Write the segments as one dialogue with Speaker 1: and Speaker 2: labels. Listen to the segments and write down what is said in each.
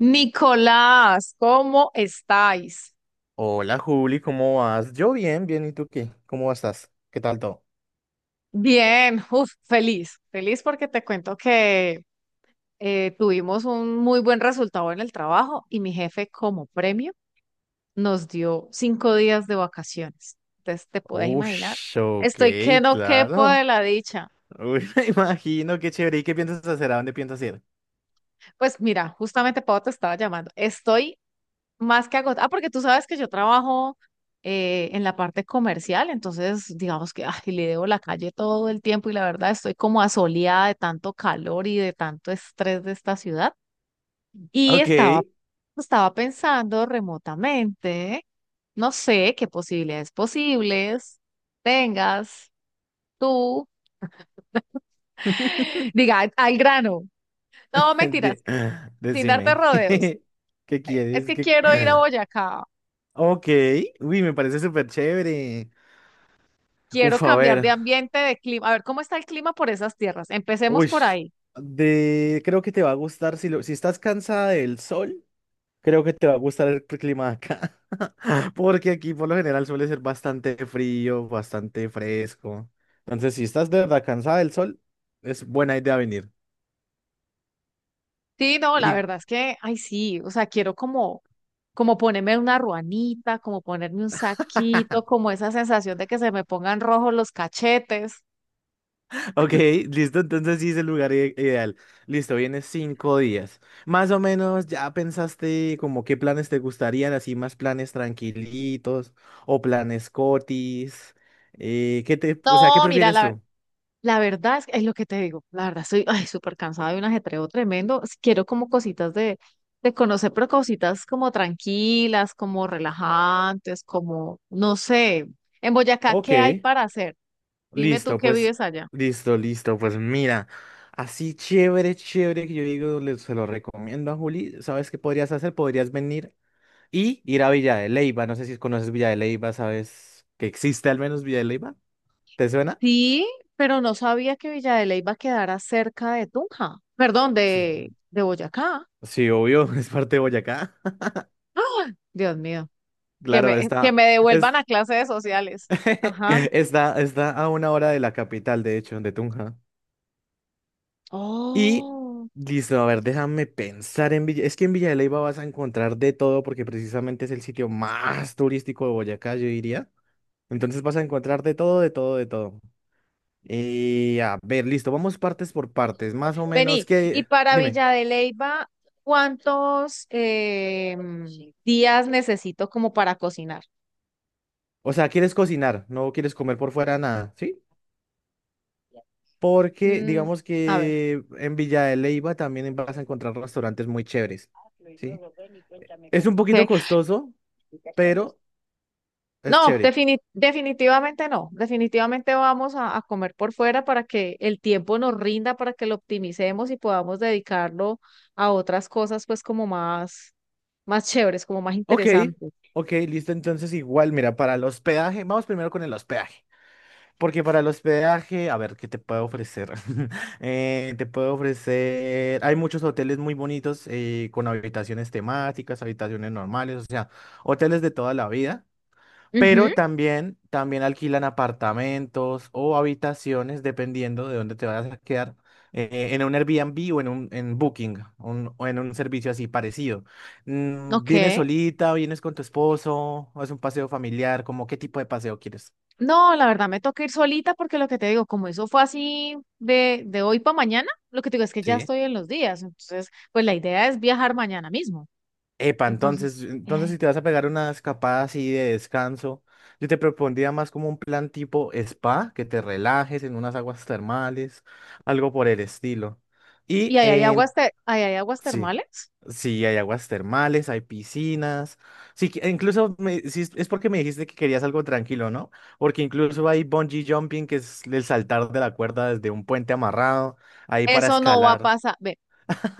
Speaker 1: Nicolás, ¿cómo estáis?
Speaker 2: Hola Juli, ¿cómo vas? Yo bien, bien, ¿y tú qué? ¿Cómo estás? ¿Qué tal todo?
Speaker 1: Bien, uf, feliz, feliz porque te cuento que tuvimos un muy buen resultado en el trabajo y mi jefe como premio nos dio 5 días de vacaciones. Entonces, te puedes imaginar,
Speaker 2: Ush, ok,
Speaker 1: estoy que no quepo de
Speaker 2: claro.
Speaker 1: la dicha.
Speaker 2: Uy, me imagino, qué chévere. ¿Y qué piensas hacer? ¿A dónde piensas ir?
Speaker 1: Pues mira, justamente Pau te estaba llamando, estoy más que agotado. Ah, porque tú sabes que yo trabajo en la parte comercial, entonces digamos que ay, le debo la calle todo el tiempo y la verdad estoy como asoleada de tanto calor y de tanto estrés de esta ciudad. Y
Speaker 2: Ok,
Speaker 1: estaba, estaba pensando remotamente, no sé qué posibilidades posibles tengas tú. Diga, al grano. No, mentiras,
Speaker 2: de-
Speaker 1: sin darte
Speaker 2: decime.
Speaker 1: rodeos.
Speaker 2: ¿Qué
Speaker 1: Es
Speaker 2: quieres?
Speaker 1: que
Speaker 2: ¿Qué-
Speaker 1: quiero ir a Boyacá.
Speaker 2: Ok, uy, me parece súper chévere.
Speaker 1: Quiero
Speaker 2: Uf, a
Speaker 1: cambiar
Speaker 2: ver.
Speaker 1: de ambiente, de clima. A ver, ¿cómo está el clima por esas tierras? Empecemos
Speaker 2: Uy,
Speaker 1: por ahí.
Speaker 2: de... creo que te va a gustar si, lo... si estás cansada del sol. Creo que te va a gustar el clima de acá, porque aquí por lo general suele ser bastante frío, bastante fresco. Entonces, si estás de verdad cansada del sol, es buena idea venir.
Speaker 1: Sí, no, la
Speaker 2: Y,
Speaker 1: verdad es que, ay, sí, o sea, quiero como, como ponerme una ruanita, como ponerme un saquito, como esa sensación de que se me pongan rojos los cachetes.
Speaker 2: ok, listo, entonces sí es el lugar ideal. Listo, vienes 5 días. Más o menos ya pensaste como qué planes te gustarían, así más planes tranquilitos o planes cotis. ¿Qué te, o sea, ¿qué
Speaker 1: No, mira,
Speaker 2: prefieres tú?
Speaker 1: la verdad es lo que te digo, la verdad estoy, ay, súper cansada de un ajetreo tremendo. Quiero como cositas de conocer, pero cositas como tranquilas, como relajantes, como, no sé, en Boyacá, ¿qué hay
Speaker 2: Ok.
Speaker 1: para hacer? Dime tú
Speaker 2: Listo,
Speaker 1: que
Speaker 2: pues,
Speaker 1: vives allá.
Speaker 2: listo, listo, pues mira, así chévere, chévere que yo digo, se lo recomiendo a Juli, ¿sabes qué podrías hacer? Podrías venir y ir a Villa de Leyva, no sé si conoces Villa de Leyva, ¿sabes que existe al menos Villa de Leyva? ¿Te suena?
Speaker 1: Sí, pero no sabía que Villa de Leyva quedara cerca de Tunja. Perdón,
Speaker 2: Sí.
Speaker 1: de Boyacá.
Speaker 2: Sí, obvio, es parte de Boyacá,
Speaker 1: ¡Ah! Dios mío,
Speaker 2: claro,
Speaker 1: que me
Speaker 2: está,
Speaker 1: devuelvan
Speaker 2: es,
Speaker 1: a clases sociales. Ajá.
Speaker 2: está, está a 1 hora de la capital, de hecho, de Tunja. Y
Speaker 1: Oh.
Speaker 2: listo, a ver, déjame pensar en Villa. Es que en Villa de Leyva vas a encontrar de todo porque precisamente es el sitio más turístico de Boyacá, yo diría. Entonces vas a encontrar de todo, de todo, de todo. Y a ver, listo, vamos partes por partes, más o menos
Speaker 1: Vení, y
Speaker 2: qué
Speaker 1: para
Speaker 2: dime,
Speaker 1: Villa de Leyva, ¿cuántos días necesito como para cocinar?
Speaker 2: o sea, ¿quieres cocinar? ¿No quieres comer por fuera nada? ¿Sí? Porque
Speaker 1: Mm,
Speaker 2: digamos
Speaker 1: a ver.
Speaker 2: que en Villa de Leyva también vas a encontrar restaurantes muy chéveres, ¿sí? Es un
Speaker 1: Ok.
Speaker 2: poquito costoso, pero es
Speaker 1: No,
Speaker 2: chévere.
Speaker 1: definitivamente no. Definitivamente vamos a comer por fuera para que el tiempo nos rinda, para que lo optimicemos y podamos dedicarlo a otras cosas, pues como más, más chéveres, como más
Speaker 2: Ok,
Speaker 1: interesantes.
Speaker 2: ok, listo. Entonces, igual, mira, para el hospedaje, vamos primero con el hospedaje. Porque para el hospedaje, a ver, ¿qué te puedo ofrecer? Te puedo ofrecer. Hay muchos hoteles muy bonitos con habitaciones temáticas, habitaciones normales, o sea, hoteles de toda la vida.
Speaker 1: Ujú,
Speaker 2: Pero también, también alquilan apartamentos o habitaciones, dependiendo de dónde te vayas a quedar, en un Airbnb o en un en Booking, o en un servicio así parecido. Mm, ¿vienes
Speaker 1: ok.
Speaker 2: solita, vienes con tu esposo, o es un paseo familiar? ¿Cómo qué tipo de paseo quieres?
Speaker 1: No, la verdad me toca ir solita porque lo que te digo, como eso fue así de hoy para mañana, lo que te digo es que ya
Speaker 2: Sí.
Speaker 1: estoy en los días. Entonces, pues la idea es viajar mañana mismo.
Speaker 2: Epa,
Speaker 1: Entonces,
Speaker 2: entonces, entonces si
Speaker 1: ay,
Speaker 2: te vas a pegar una escapada así de descanso, yo te propondría más como un plan tipo spa, que te relajes en unas aguas termales, algo por el estilo.
Speaker 1: ¿y
Speaker 2: Y
Speaker 1: ahí hay aguas, ahí hay aguas
Speaker 2: sí,
Speaker 1: termales?
Speaker 2: sí, hay aguas termales, hay piscinas. Sí, e incluso sí, es porque me dijiste que querías algo tranquilo, ¿no? Porque incluso hay bungee jumping, que es el saltar de la cuerda desde un puente amarrado, ahí para
Speaker 1: Eso no va a
Speaker 2: escalar.
Speaker 1: pasar.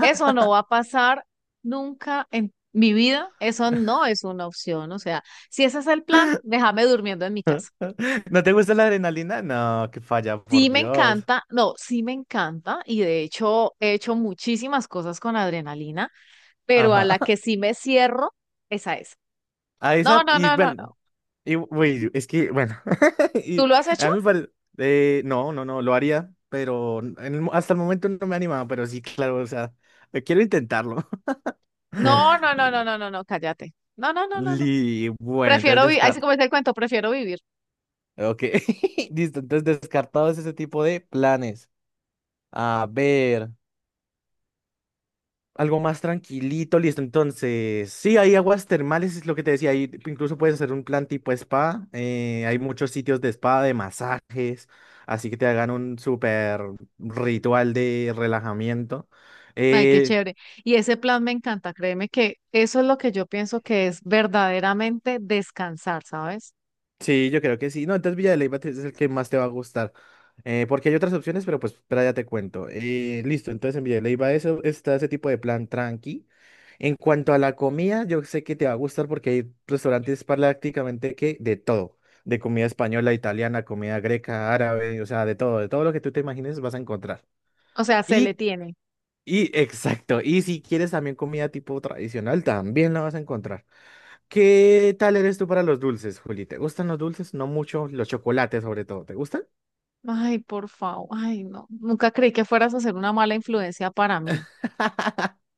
Speaker 1: Eso no va a pasar nunca en mi vida. Eso no es una opción. O sea, si ese es el plan, déjame durmiendo en mi casa.
Speaker 2: ¿No te gusta la adrenalina? No, que falla,
Speaker 1: Sí
Speaker 2: por
Speaker 1: me
Speaker 2: Dios.
Speaker 1: encanta, no, sí me encanta y de hecho he hecho muchísimas cosas con adrenalina, pero a
Speaker 2: Ajá.
Speaker 1: la que sí me cierro, esa es.
Speaker 2: A
Speaker 1: No,
Speaker 2: esa,
Speaker 1: no,
Speaker 2: y
Speaker 1: no, no,
Speaker 2: bueno,
Speaker 1: no.
Speaker 2: y, uy, es que, bueno,
Speaker 1: ¿Tú
Speaker 2: y
Speaker 1: lo has hecho?
Speaker 2: a mí me parece, no, no, no, lo haría, pero en el hasta el momento no me animaba, pero sí, claro, o sea, quiero intentarlo.
Speaker 1: No, no, no, no, no, no, no, cállate. No, no, no, no, no.
Speaker 2: Bueno, entonces
Speaker 1: Prefiero vivir, ahí sí
Speaker 2: descartado.
Speaker 1: como dice el cuento, prefiero vivir.
Speaker 2: Ok. Listo, entonces descartados ese tipo de planes. A ver, algo más tranquilito, listo. Entonces, sí, hay aguas termales, es lo que te decía. Ahí incluso puedes hacer un plan tipo spa. Hay muchos sitios de spa, de masajes. Así que te hagan un súper ritual de relajamiento.
Speaker 1: Ay, qué
Speaker 2: Eh,
Speaker 1: chévere. Y ese plan me encanta, créeme que eso es lo que yo pienso que es verdaderamente descansar, ¿sabes?
Speaker 2: Sí, yo creo que sí. No, entonces Villa de Leyva es el que más te va a gustar. Porque hay otras opciones, pero pues espera, ya te cuento. Listo, entonces en Villa de Leyva eso, está ese tipo de plan tranqui. En cuanto a la comida, yo sé que te va a gustar porque hay restaurantes prácticamente que de todo. De comida española, italiana, comida greca, árabe, o sea, de todo lo que tú te imagines vas a encontrar.
Speaker 1: O sea, se le
Speaker 2: Y,
Speaker 1: tiene.
Speaker 2: y exacto, y si quieres también comida tipo tradicional, también la vas a encontrar. ¿Qué tal eres tú para los dulces, Juli? ¿Te gustan los dulces? No mucho, los chocolates sobre todo. ¿Te gustan?
Speaker 1: Ay, por favor, ay, no. Nunca creí que fueras a ser una mala influencia para mí,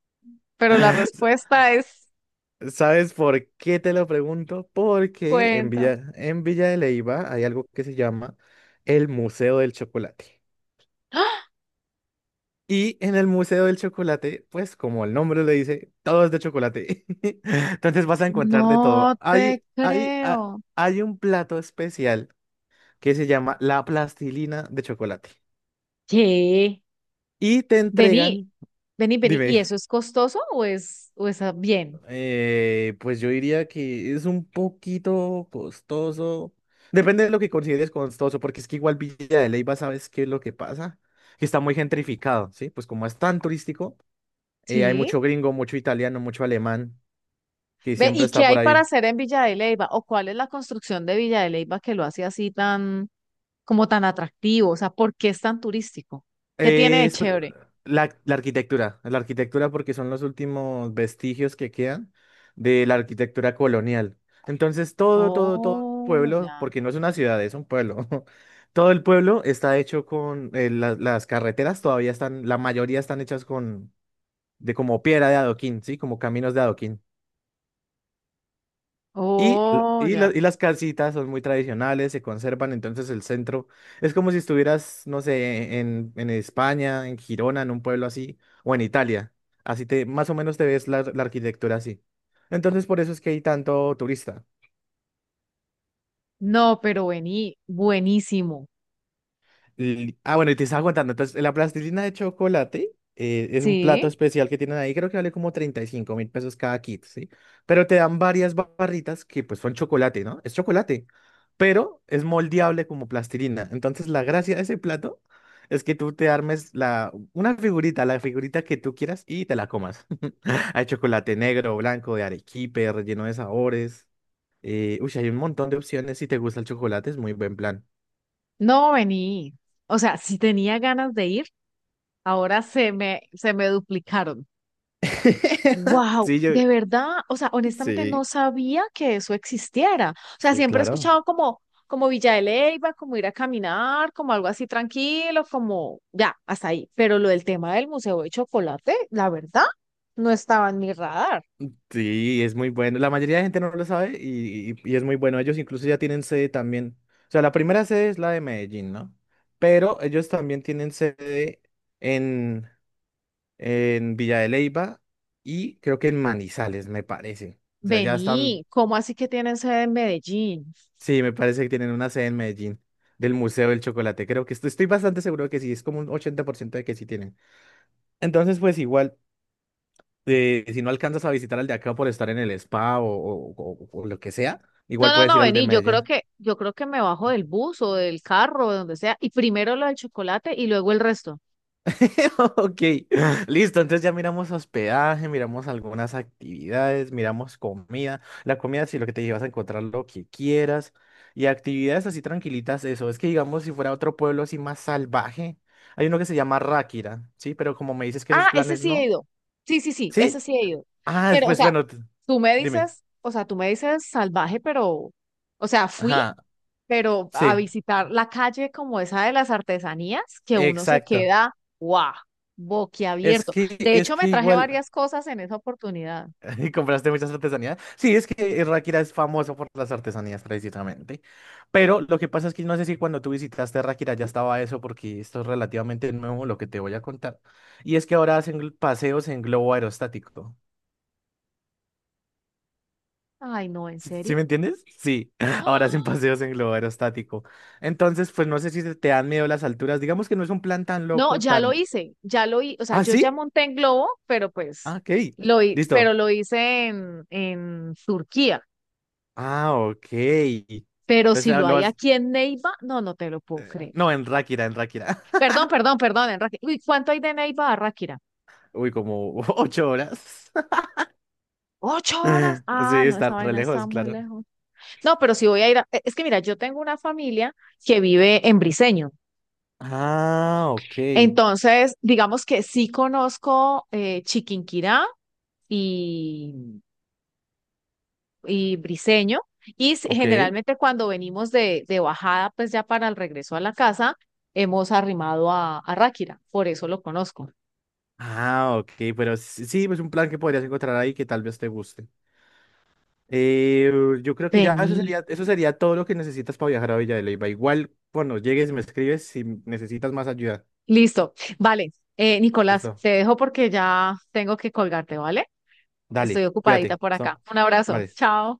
Speaker 1: pero la
Speaker 2: S-
Speaker 1: respuesta es
Speaker 2: ¿Sabes por qué te lo pregunto? Porque
Speaker 1: cuenta.
Speaker 2: En Villa de Leiva hay algo que se llama el Museo del Chocolate. Y en el Museo del Chocolate, pues como el nombre le dice, todo es de chocolate. Entonces vas a encontrar de
Speaker 1: No
Speaker 2: todo.
Speaker 1: te
Speaker 2: Hay,
Speaker 1: creo.
Speaker 2: hay un plato especial que se llama la plastilina de chocolate.
Speaker 1: ¿Qué?
Speaker 2: Y te
Speaker 1: Vení,
Speaker 2: entregan,
Speaker 1: vení, vení. ¿Y
Speaker 2: dime.
Speaker 1: eso es costoso o es ah, bien?
Speaker 2: Pues yo diría que es un poquito costoso. Depende de lo que consideres costoso, porque es que igual Villa de Leyva, ¿sabes qué es lo que pasa? Que está muy gentrificado, ¿sí? Pues como es tan turístico, hay
Speaker 1: Sí.
Speaker 2: mucho gringo, mucho italiano, mucho alemán, que
Speaker 1: Ve,
Speaker 2: siempre
Speaker 1: ¿y
Speaker 2: está
Speaker 1: qué
Speaker 2: por
Speaker 1: hay para
Speaker 2: ahí.
Speaker 1: hacer en Villa de Leyva? ¿O cuál es la construcción de Villa de Leyva que lo hace así tan... como tan atractivo? O sea, ¿por qué es tan turístico? ¿Qué tiene
Speaker 2: Eh,
Speaker 1: de
Speaker 2: es pr-
Speaker 1: chévere?
Speaker 2: la, la arquitectura porque son los últimos vestigios que quedan de la arquitectura colonial. Entonces todo, todo, todo el
Speaker 1: Oh,
Speaker 2: pueblo,
Speaker 1: ya.
Speaker 2: porque no es una ciudad, es un pueblo. Todo el pueblo está hecho con las carreteras todavía están, la mayoría están hechas con de como piedra de adoquín, sí, como caminos de adoquín. Y,
Speaker 1: Oh,
Speaker 2: y,
Speaker 1: ya.
Speaker 2: y las casitas son muy tradicionales, se conservan, entonces el centro es como si estuvieras, no sé, en España, en Girona, en un pueblo así, o en Italia. Así te, más o menos te ves la, la arquitectura así. Entonces por eso es que hay tanto turista.
Speaker 1: No, pero vení, buenísimo.
Speaker 2: Ah, bueno, y te estaba contando. Entonces, la plastilina de chocolate es un plato
Speaker 1: Sí,
Speaker 2: especial que tienen ahí. Creo que vale como 35.000 pesos cada kit, ¿sí? Pero te dan varias barritas que pues son chocolate, ¿no? Es chocolate, pero es moldeable como plastilina. Entonces, la gracia de ese plato es que tú te armes la, una figurita, la figurita que tú quieras y te la comas. Hay chocolate negro, blanco, de arequipe, relleno de sabores. Uy, hay un montón de opciones. Si te gusta el chocolate, es muy buen plan.
Speaker 1: no vení. O sea, si tenía ganas de ir, ahora se me duplicaron. Wow,
Speaker 2: Sí, yo...
Speaker 1: de verdad, o sea, honestamente no
Speaker 2: Sí.
Speaker 1: sabía que eso existiera. O sea,
Speaker 2: Sí,
Speaker 1: siempre he
Speaker 2: claro.
Speaker 1: escuchado como, como Villa de Leyva, como ir a caminar, como algo así tranquilo, como ya, hasta ahí. Pero lo del tema del Museo de Chocolate, la verdad, no estaba en mi radar.
Speaker 2: Sí, es muy bueno. La mayoría de gente no lo sabe y, y es muy bueno. Ellos incluso ya tienen sede también. O sea, la primera sede es la de Medellín, ¿no? Pero ellos también tienen sede en, en Villa de Leyva y creo que en Manizales, me parece. O sea, ya están.
Speaker 1: Vení, ¿cómo así que tienen sede en Medellín?
Speaker 2: Sí, me parece que tienen una sede en Medellín del Museo del Chocolate. Creo que estoy, estoy bastante seguro que sí. Es como un 80% de que sí tienen. Entonces, pues igual. Si no alcanzas a visitar al de acá por estar en el spa o, o lo que sea,
Speaker 1: No,
Speaker 2: igual
Speaker 1: no,
Speaker 2: puedes
Speaker 1: no,
Speaker 2: ir al de
Speaker 1: vení,
Speaker 2: Medellín.
Speaker 1: yo creo que me bajo del bus o del carro, de donde sea, y primero lo del chocolate y luego el resto.
Speaker 2: Ok, listo. Entonces ya miramos hospedaje, miramos algunas actividades, miramos comida. La comida, sí, lo que te llevas a encontrar lo que quieras. Y actividades así tranquilitas, eso. Es que digamos, si fuera otro pueblo así más salvaje, hay uno que se llama Ráquira, ¿sí? Pero como me dices que esos
Speaker 1: Ah, ese
Speaker 2: planes
Speaker 1: sí he
Speaker 2: no,
Speaker 1: ido. Sí, sí, sí, ese
Speaker 2: ¿sí?
Speaker 1: sí he ido.
Speaker 2: Ah,
Speaker 1: Pero, o
Speaker 2: pues
Speaker 1: sea,
Speaker 2: bueno, t-
Speaker 1: tú me
Speaker 2: dime.
Speaker 1: dices, o sea, tú me dices salvaje, pero, o sea, fui,
Speaker 2: Ajá,
Speaker 1: pero a
Speaker 2: sí,
Speaker 1: visitar la calle como esa de las artesanías, que uno se
Speaker 2: exacto.
Speaker 1: queda, guau, boquiabierto. De
Speaker 2: Es
Speaker 1: hecho, me
Speaker 2: que
Speaker 1: traje
Speaker 2: igual,
Speaker 1: varias cosas en esa oportunidad.
Speaker 2: ¿compraste muchas artesanías? Sí, es que Ráquira es famoso por las artesanías precisamente. Pero lo que pasa es que no sé si cuando tú visitaste Ráquira ya estaba eso, porque esto es relativamente nuevo lo que te voy a contar. Y es que ahora hacen paseos en globo aerostático.
Speaker 1: Ay, no, ¿en
Speaker 2: ¿Sí sí
Speaker 1: serio?
Speaker 2: me entiendes? Sí, ahora hacen
Speaker 1: ¡Ah!
Speaker 2: paseos en globo aerostático. Entonces, pues no sé si te dan miedo las alturas. Digamos que no es un plan tan
Speaker 1: No,
Speaker 2: loco, tan...
Speaker 1: ya lo hice, o sea,
Speaker 2: ¿Ah,
Speaker 1: yo ya
Speaker 2: sí?
Speaker 1: monté en globo, pero pues,
Speaker 2: Ah, ok. Listo.
Speaker 1: pero lo hice en Turquía.
Speaker 2: Ah, ok.
Speaker 1: Pero
Speaker 2: Entonces,
Speaker 1: si
Speaker 2: ah,
Speaker 1: lo
Speaker 2: lo
Speaker 1: hay
Speaker 2: has-
Speaker 1: aquí en Neiva, no, no te lo puedo creer.
Speaker 2: No, en Ráquira, en Ráquira.
Speaker 1: Perdón, perdón, perdón, en Ráquira. Uy, ¿cuánto hay de Neiva a Ráquira?
Speaker 2: Uy, como 8 horas.
Speaker 1: ¿8 horas?
Speaker 2: Sí,
Speaker 1: Ah, no,
Speaker 2: está
Speaker 1: esa
Speaker 2: re
Speaker 1: vaina está
Speaker 2: lejos,
Speaker 1: muy
Speaker 2: claro.
Speaker 1: lejos. No, pero si voy a ir a... Es que mira, yo tengo una familia que vive en Briseño.
Speaker 2: Ah, ok,
Speaker 1: Entonces, digamos que sí conozco Chiquinquirá y, y Briseño. Y
Speaker 2: ok.
Speaker 1: generalmente cuando venimos de bajada, pues ya para el regreso a la casa, hemos arrimado a Ráquira. Por eso lo conozco.
Speaker 2: Ah, ok, pero sí, sí, pues un plan que podrías encontrar ahí que tal vez te guste. Eh, yo creo que ya
Speaker 1: Vení.
Speaker 2: eso sería todo lo que necesitas para viajar a Villa de Leyva. Igual, cuando llegues, me escribes si necesitas más ayuda.
Speaker 1: Listo. Vale. Nicolás,
Speaker 2: Listo.
Speaker 1: te dejo porque ya tengo que colgarte, ¿vale? Estoy
Speaker 2: Dale,
Speaker 1: ocupadita
Speaker 2: cuídate.
Speaker 1: por acá.
Speaker 2: So-
Speaker 1: Un abrazo.
Speaker 2: Vale.
Speaker 1: Chao.